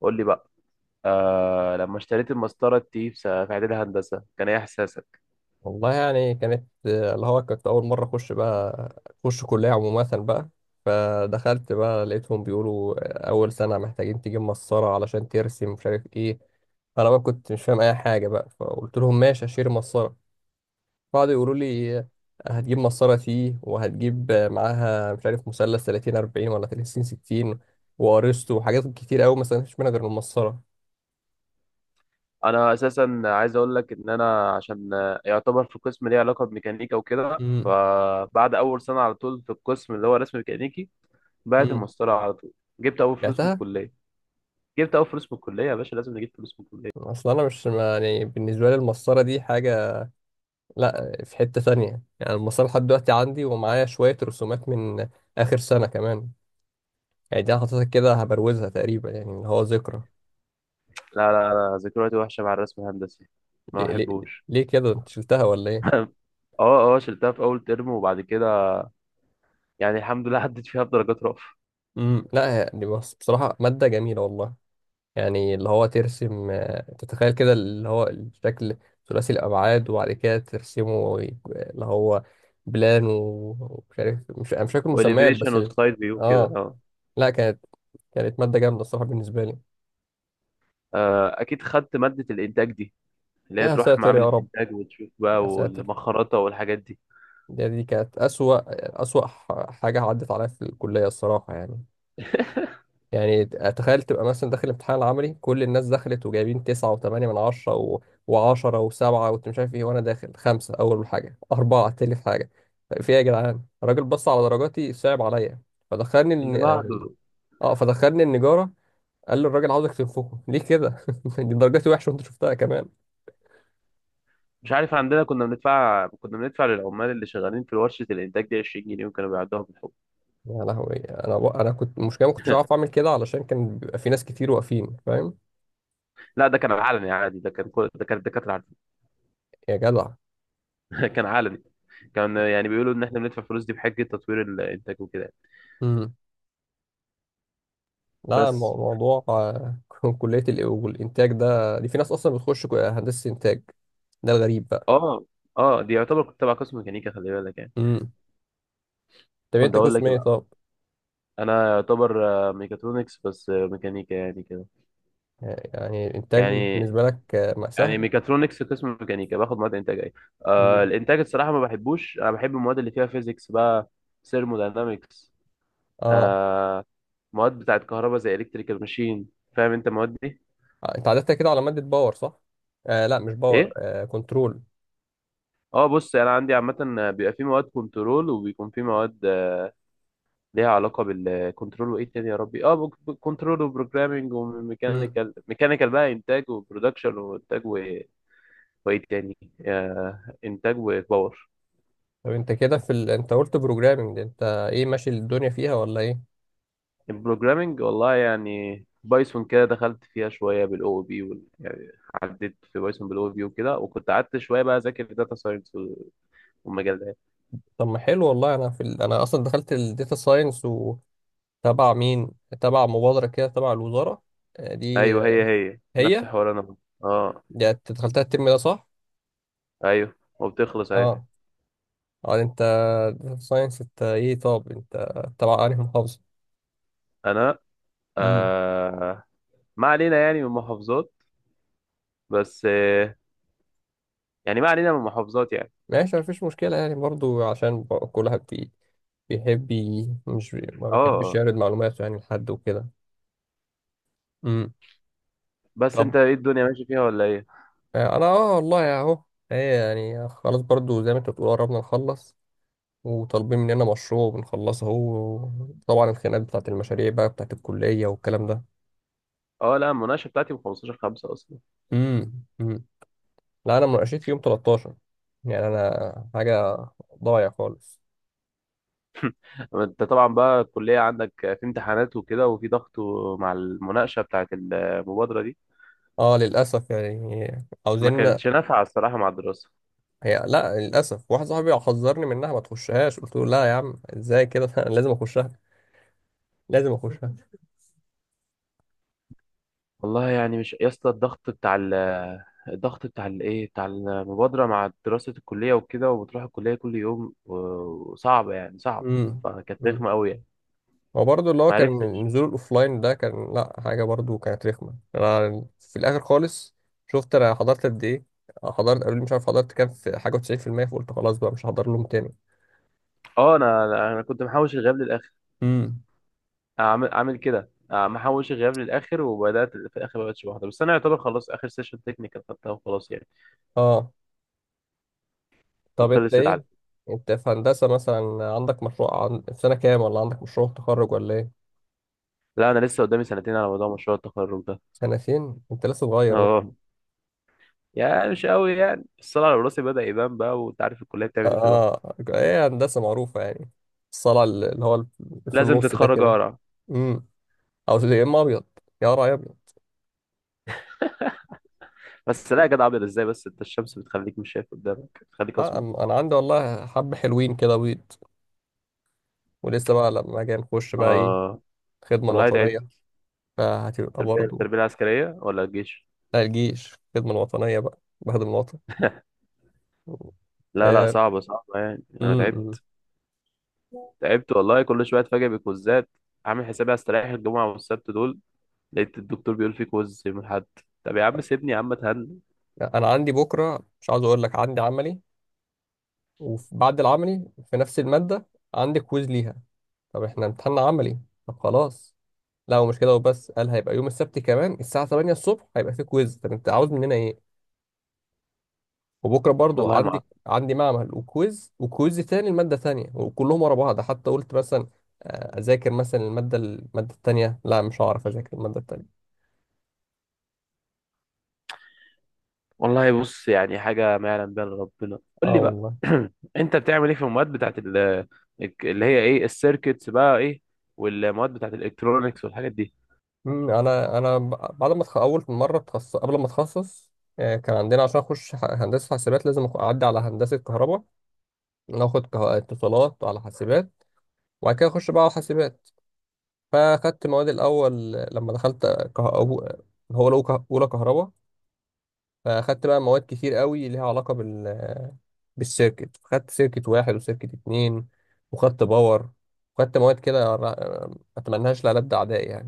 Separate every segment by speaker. Speaker 1: قول لي بقى. لما اشتريت المسطره دي في اعدادي هندسه، كان ايه احساسك؟
Speaker 2: والله يعني كانت اللي هو كنت أول مرة أخش بقى. أخش كلية عموما بقى. فدخلت بقى لقيتهم بيقولوا أول سنة محتاجين تجيب مسطرة علشان ترسم مش عارف إيه. أنا بقى كنت مش فاهم أي حاجة بقى، فقلت لهم ماشي، هشتري مسطرة. قعدوا يقولوا لي هتجيب مسطرة تي، وهتجيب معاها مش عارف مثلث 30 40 ولا 30 60 وأرسطو وحاجات كتير أوي ما استفدتش منها غير المسطرة.
Speaker 1: انا اساسا عايز اقول لك ان انا عشان يعتبر في قسم ليه علاقه بميكانيكا وكده.
Speaker 2: امم.
Speaker 1: فبعد اول سنه على طول في القسم اللي هو رسم ميكانيكي، بعت
Speaker 2: امم.
Speaker 1: المسطره على طول. جبت اول فلوس من
Speaker 2: بعتها.
Speaker 1: الكليه جبت اول فلوس من الكليه يا باشا. لازم نجيب فلوس من الكليه.
Speaker 2: اصل انا مش يعني بالنسبه لي المسطره دي حاجه. لا، في حتة ثانية، يعني المسار لحد دلوقتي عندي، ومعايا شوية رسومات من آخر سنة كمان. يعني دي أنا حاططها كده، هبروزها تقريبا، يعني اللي هو ذكرى.
Speaker 1: لا، لا، لا، ذكرياتي وحشه مع الرسم الهندسي. ما
Speaker 2: ليه, ليه,
Speaker 1: بحبوش.
Speaker 2: ليه كده، انت شلتها ولا ايه؟
Speaker 1: اه، اه، شلتها في اول ترم. وبعد كده يعني الحمد لله عدت فيها بدرجات رأفة.
Speaker 2: امم. لا يعني بص، بصراحة مادة جميلة والله. يعني اللي هو ترسم تتخيل كده اللي هو الشكل ثلاثي الأبعاد، وبعد كده ترسمه اللي هو بلان ومش عارف، مش أنا مش فاكر مسميات،
Speaker 1: واليفيشن
Speaker 2: بس
Speaker 1: وسايد فيو كده،
Speaker 2: اه.
Speaker 1: اه.
Speaker 2: لا، كانت مادة جامدة الصراحة بالنسبة لي.
Speaker 1: اكيد خدت مادة الانتاج دي اللي هي
Speaker 2: يا
Speaker 1: تروح
Speaker 2: ساتر
Speaker 1: معامل
Speaker 2: يا رب.
Speaker 1: الانتاج وتشوف
Speaker 2: يا
Speaker 1: بقى،
Speaker 2: ساتر.
Speaker 1: والمخرطة والحاجات دي.
Speaker 2: دي كانت أسوأ أسوأ حاجة عدت عليا في الكلية الصراحة يعني. يعني تخيل تبقى مثلا داخل الامتحان العملي، كل الناس دخلت وجايبين تسعة وثمانية من عشرة وعشرة وسبعة، وأنت مش عارف إيه، وأنا داخل خمسة أول حاجة، أربعة تاني حاجة. طيب في إيه يا جدعان، الراجل بص على درجاتي، صعب عليا. فدخلني
Speaker 1: اللي
Speaker 2: الن...
Speaker 1: بعده.
Speaker 2: فدخلني النجارة. قال لي الراجل عاوزك تنفخه ليه كده؟ دي درجاتي وحشة وأنت شفتها كمان.
Speaker 1: مش عارف، عندنا كنا بندفع للعمال اللي شغالين في ورشة الانتاج دي 20 جنيه، وكانوا بيعدوها بالحب.
Speaker 2: يا لهوي. أنا كنت المشكلة ما كنتش عارف أعمل كده، علشان كان بيبقى في ناس كتير واقفين، فاهم.
Speaker 1: لا، ده كان علني عادي، ده كان كل ده كان الدكاترة عارفين.
Speaker 2: يا جدع.
Speaker 1: كان علني. كان يعني بيقولوا ان احنا بندفع فلوس دي بحجة تطوير الانتاج وكده.
Speaker 2: امم. لا،
Speaker 1: بس.
Speaker 2: موضوع كلية والإنتاج ده دي في ناس أصلا بتخش هندسة إنتاج. ده الغريب بقى.
Speaker 1: اه، اه، دي يعتبر كنت تبع قسم ميكانيكا، خلي بالك يعني.
Speaker 2: امم. طب
Speaker 1: كنت
Speaker 2: أنت
Speaker 1: اقول
Speaker 2: قسم
Speaker 1: لك إيه
Speaker 2: إيه
Speaker 1: بقى؟
Speaker 2: طب؟
Speaker 1: انا يعتبر ميكاترونكس، بس ميكانيكا يعني كده.
Speaker 2: يعني الإنتاج
Speaker 1: يعني
Speaker 2: بالنسبة لك ما
Speaker 1: يعني
Speaker 2: سهل؟
Speaker 1: ميكاترونكس قسم ميكانيكا، باخد مواد انتاج ايه.
Speaker 2: امم.
Speaker 1: الانتاج الصراحه ما بحبوش. انا بحب المواد اللي فيها فيزيكس بقى، ثيرموداينامكس.
Speaker 2: أه.
Speaker 1: آه. مواد بتاعت كهرباء زي الكتريكال ماشين. فاهم انت المواد دي؟
Speaker 2: أنت عدتها كده على مادة باور صح؟ لا مش باور،
Speaker 1: ايه.
Speaker 2: كنترول.
Speaker 1: اه، بص، انا عندي عامه بيبقى في مواد كنترول، وبيكون في مواد ليها علاقه بالكنترول. وايه تاني يا ربي، اه، كنترول وبروجرامنج
Speaker 2: امم.
Speaker 1: وميكانيكال ميكانيكال بقى، انتاج وبرودكشن وانتاج وايه تاني، انتاج وباور.
Speaker 2: طب أنت كده في أنت قلت بروجرامنج. أنت إيه، ماشي الدنيا فيها ولا إيه؟
Speaker 1: البروجرامينج والله يعني بايثون كده دخلت فيها شويه، بالاو بي يعني عديت في بايثون بالاو بي وكده، وكنت قعدت شويه بقى اذاكر داتا ساينس والمجال ده.
Speaker 2: طب ما حلو والله. أنا في أنا أصلا دخلت الداتا ساينس وتبع مين؟ تبع مبادرة كده تبع الوزارة. آه، دي
Speaker 1: ايوه،
Speaker 2: آه،
Speaker 1: هي نفس
Speaker 2: هي.
Speaker 1: حوار انا. اه.
Speaker 2: يعني انت دخلتها الترم ده صح؟
Speaker 1: ايوه، وبتخلص اهي.
Speaker 2: اه. اه، انت، داتا ساينس، انت ايه، طب انت تبع انهي محافظة؟
Speaker 1: انا
Speaker 2: امم.
Speaker 1: آه ما علينا يعني من محافظات. بس يعني ما علينا من محافظات يعني.
Speaker 2: ماشي، مفيش مشكلة يعني برضو، عشان كل واحد بيحب مش ما
Speaker 1: اه.
Speaker 2: بيحبش
Speaker 1: آه.
Speaker 2: يعرض معلوماته يعني لحد وكده. امم.
Speaker 1: بس
Speaker 2: طب
Speaker 1: انت ايه، الدنيا ماشي فيها ولا ايه؟
Speaker 2: انا اه والله اهو. ايه يعني، خلاص، برضو زي ما انت بتقول، قربنا نخلص، وطالبين مننا مشروع بنخلصه اهو. طبعا الخناقات بتاعت المشاريع بقى، بتاعت الكلية والكلام ده.
Speaker 1: اه، لا، المناقشه بتاعتي من 15/5 اصلا.
Speaker 2: امم. لا انا مناقشتي يوم 13. يعني انا حاجه ضايع خالص.
Speaker 1: انت طبعا بقى الكلية عندك في امتحانات وكده، وفي ضغط مع المناقشة بتاعت المبادرة دي.
Speaker 2: اه، للاسف يعني.
Speaker 1: ما
Speaker 2: عاوزين.
Speaker 1: كانتش نافعة الصراحة مع الدراسة.
Speaker 2: هي، لا، للاسف واحد صاحبي حذرني منها، ما تخشهاش، قلت له لا يا عم، ازاي كده؟ انا لازم اخشها. لازم اخشها.
Speaker 1: والله يعني مش يا اسطى، الضغط بتاع الايه بتاع المبادرة مع دراسة الكلية وكده، وبتروح الكلية كل يوم وصعبة يعني صعب.
Speaker 2: امم.
Speaker 1: فكانت
Speaker 2: امم.
Speaker 1: رخمة قوي يعني.
Speaker 2: هو برضه اللي هو
Speaker 1: ما
Speaker 2: كان
Speaker 1: عرفتش.
Speaker 2: نزول الاوفلاين ده كان، لا حاجه برضه كانت رخمه. انا في الاخر خالص، شفت انا حضرت قد ايه؟ حضرت، قالوا لي مش عارف حضرت كام في حاجه و90%، فقلت خلاص بقى مش هحضر لهم تاني.
Speaker 1: اه، انا انا أنا كنت محوش الغياب للاخر.
Speaker 2: امم.
Speaker 1: عامل كده، محوش الغياب للاخر. وبدات في الاخر ما بقتش بحضر، بس انا يعتبر خلاص اخر سيشن تكنيكال خدتها وخلاص يعني.
Speaker 2: اه. طب انت
Speaker 1: وخلصت على.
Speaker 2: ايه، انت في هندسة مثلا عندك مشروع في سنة كام ولا عندك مشروع تخرج ولا ايه؟
Speaker 1: لا، انا لسه قدامي سنتين على موضوع مشروع التخرج ده.
Speaker 2: سنتين؟ انت لسه صغير بقى.
Speaker 1: اه، يعني مش قوي يعني، الصلاة على راسي بدأ يبان بقى، وانت عارف الكلية
Speaker 2: اه.
Speaker 1: بتعمل ايه في الواحد.
Speaker 2: ايه هندسة معروفة يعني، الصلع اللي هو في
Speaker 1: لازم
Speaker 2: النص ده
Speaker 1: تتخرج
Speaker 2: كده.
Speaker 1: اقرا.
Speaker 2: امم. او يا اما ابيض. يا راعي ابيض.
Speaker 1: بس لا يا جدع، ابيض ازاي؟ بس انت الشمس بتخليك مش شايف قدامك، بتخليك
Speaker 2: اه،
Speaker 1: اسمر.
Speaker 2: انا عندي والله حبة حلوين كده بيض. ولسه بقى لما اجي نخش بقى ايه،
Speaker 1: اه،
Speaker 2: الخدمة
Speaker 1: والله
Speaker 2: الوطنية،
Speaker 1: تعبت.
Speaker 2: فهتبقى
Speaker 1: التربية
Speaker 2: برضو.
Speaker 1: التربية العسكرية ولا الجيش؟
Speaker 2: لا، الجيش، الخدمة الوطنية بقى، بخدم الوطن.
Speaker 1: لا، لا،
Speaker 2: آه.
Speaker 1: صعبة صعبة يعني، انا
Speaker 2: امم.
Speaker 1: تعبت. تعبت والله، كل شوية اتفاجئ بكوزات. عامل حسابي هستريح الجمعة والسبت دول، لقيت الدكتور بيقول في كوز يوم الاحد. طب يا عم سيبني، يا عم اتهنى.
Speaker 2: انا عندي بكره، مش عاوز اقول لك، عندي عملي، وبعد العملي في نفس الماده عندي كويز ليها. طب احنا امتحان عملي؟ طب خلاص. لا ومش كده وبس، قال هيبقى يوم السبت كمان الساعه 8 الصبح هيبقى في كويز، طب انت عاوز مننا ايه؟ وبكره برضو
Speaker 1: والله ما.
Speaker 2: عندي معمل وكويز وكويز تاني الماده تانية، وكلهم ورا بعض، حتى قلت مثلا اذاكر مثلا الماده التانية، لا مش هعرف اذاكر الماده التانية.
Speaker 1: والله بص، يعني حاجة ما يعلم بها إلا ربنا. قول
Speaker 2: اه
Speaker 1: لي بقى.
Speaker 2: والله.
Speaker 1: أنت بتعمل إيه في المواد بتاعت اللي هي إيه، السيركتس بقى، إيه والمواد بتاعت الإلكترونيكس والحاجات دي؟
Speaker 2: انا بعد ما اول مره اتخصص، قبل ما اتخصص كان عندنا عشان اخش هندسه حاسبات لازم اعدي على هندسه كهرباء، ناخد اتصالات على حاسبات، وبعد كده اخش بقى على حاسبات. فاخدت مواد الاول لما دخلت كه... أو- هو لو اولى كهرباء، فاخدت بقى مواد كتير قوي ليها علاقه بالسيركت، خدت سيركت واحد وسيركت اتنين، وخدت باور، وخدت مواد كده ما اتمناهاش لألد اعدائي.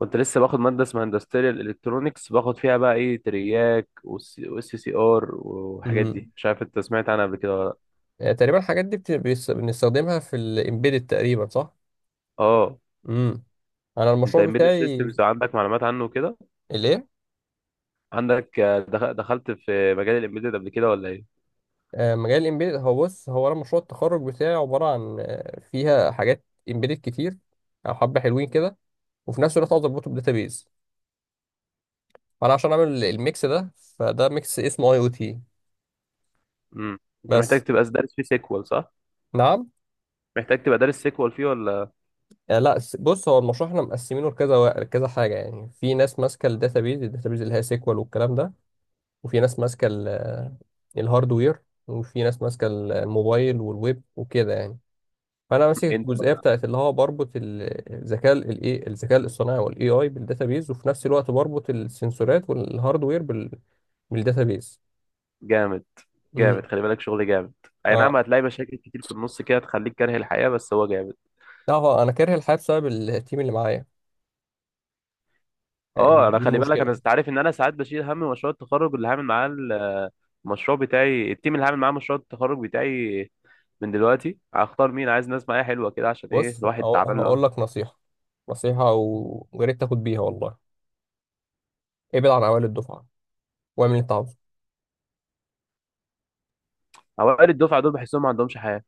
Speaker 1: كنت لسه باخد مادة اسمها اندستريال إلكترونيكس، باخد فيها بقى إيه، ترياك والسي سي آر والحاجات
Speaker 2: يعني،
Speaker 1: دي. مش عارف أنت سمعت عنها قبل كده ولا لأ؟
Speaker 2: يعني تقريبا الحاجات دي بنستخدمها في الامبيدد تقريبا صح؟
Speaker 1: أه.
Speaker 2: امم. انا
Speaker 1: أنت
Speaker 2: المشروع
Speaker 1: إمبيدد
Speaker 2: بتاعي.
Speaker 1: سيستمز عندك معلومات عنه كده؟
Speaker 2: الايه؟
Speaker 1: عندك دخلت في مجال الإمبيدد قبل كده ولا إيه؟
Speaker 2: مجال الامبيدد، هو بص، هو انا مشروع التخرج بتاعي عباره عن فيها حاجات امبيدد كتير، او حبه حلوين كده، وفي نفس الوقت عاوز اربطه بداتابيز، فانا عشان اعمل الميكس ده، فده ميكس اسمه IoT.
Speaker 1: مم. أنت محتاج
Speaker 2: بس.
Speaker 1: تبقى دارس فيه سيكوال صح؟
Speaker 2: نعم.
Speaker 1: محتاج تبقى دارس سيكوال فيه ولا
Speaker 2: لا بص هو المشروع احنا مقسمينه لكذا لكذا حاجه، يعني في ناس ماسكه الداتابيز اللي هي سيكوال والكلام ده، وفي ناس ماسكة الهاردوير، وفي ناس ماسكة الموبايل والويب وكده يعني. فأنا
Speaker 1: إيه؟
Speaker 2: ماسك
Speaker 1: أنت
Speaker 2: الجزئية بتاعت اللي هو بربط الذكاء الاصطناعي والاي اي بالداتابيز، وفي نفس الوقت بربط السنسورات والهاردوير بالداتابيز.
Speaker 1: جامد، جامد،
Speaker 2: امم.
Speaker 1: خلي بالك شغل جامد. اي نعم،
Speaker 2: اه،
Speaker 1: هتلاقي مشاكل كتير في النص كده تخليك كاره الحياة، بس هو جامد.
Speaker 2: لا هو انا كاره الحياة بسبب التيم اللي معايا. يعني دي,
Speaker 1: اه، انا
Speaker 2: دي
Speaker 1: خلي بالك، انا
Speaker 2: المشكلة.
Speaker 1: انت عارف ان انا ساعات بشيل هم مشروع التخرج اللي هعمل معاه. المشروع بتاعي، التيم اللي هعمل معاه مشروع التخرج بتاعي، من دلوقتي هختار. مين عايز ناس معايا حلوة كده، عشان ايه
Speaker 2: بص،
Speaker 1: الواحد تعبان
Speaker 2: هقول
Speaker 1: له.
Speaker 2: لك نصيحة، نصيحة ويا ريت تاخد بيها والله، ابعد عن أوائل الدفعة واعمل اللي أنت عاوزه.
Speaker 1: اوائل الدفعة دول بحسهم ما عندهمش حياة.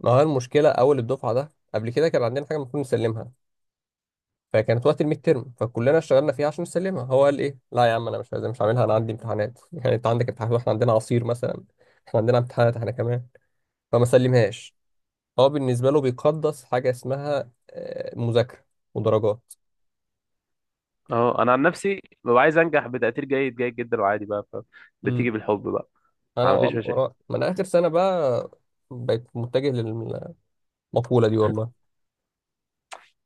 Speaker 2: ما هو المشكلة أول الدفعة ده، قبل كده كان عندنا حاجة المفروض نسلمها، فكانت وقت الميد ترم، فكلنا اشتغلنا فيها عشان نسلمها، هو قال ايه، لا يا عم انا مش عايز، مش عاملها، انا عندي امتحانات. يعني انت عندك امتحانات واحنا عندنا عصير مثلا؟ احنا عندنا امتحانات احنا كمان. فما سلمهاش. هو بالنسبه له بيقدس حاجه اسمها مذاكره ودرجات.
Speaker 1: اه، انا عن نفسي ببقى عايز انجح بتقدير جيد، جيد جدا، وعادي بقى. بتيجي
Speaker 2: امم.
Speaker 1: بالحب بقى.
Speaker 2: انا
Speaker 1: ما فيش
Speaker 2: والله،
Speaker 1: مشاكل.
Speaker 2: ورا ما انا اخر سنه بقى، بقيت متجه للمقوله دي والله.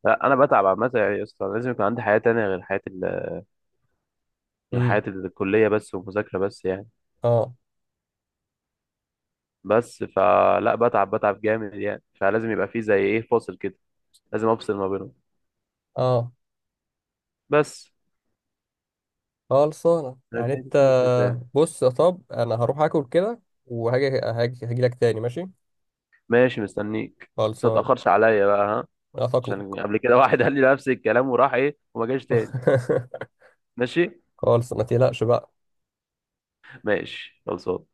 Speaker 1: لا، انا بتعب عامة يعني يا اسطى، لازم يكون عندي حياة تانية غير
Speaker 2: امم.
Speaker 1: حياتي الكلية بس ومذاكرة بس يعني.
Speaker 2: اه.
Speaker 1: بس، فلا بتعب، بتعب جامد يعني، فلازم يبقى فيه زي ايه فاصل كده. لازم افصل ما بينهم.
Speaker 2: اه،
Speaker 1: بس.
Speaker 2: خلصانه
Speaker 1: أنا
Speaker 2: يعني
Speaker 1: دي
Speaker 2: انت.
Speaker 1: كل الفكرة يعني.
Speaker 2: بص يا طب، انا هروح اكل كده وهاجي هاجي هاجي لك تاني، ماشي؟
Speaker 1: ماشي، مستنيك، بس ما
Speaker 2: خلصانه.
Speaker 1: تأخرش عليا بقى، ها؟
Speaker 2: هتقلق.
Speaker 1: عشان قبل كده واحد قال لي نفس الكلام وراح ايه وما جاش تاني. ماشي،
Speaker 2: خالص، ما تقلقش بقى.
Speaker 1: ماشي، خلصان.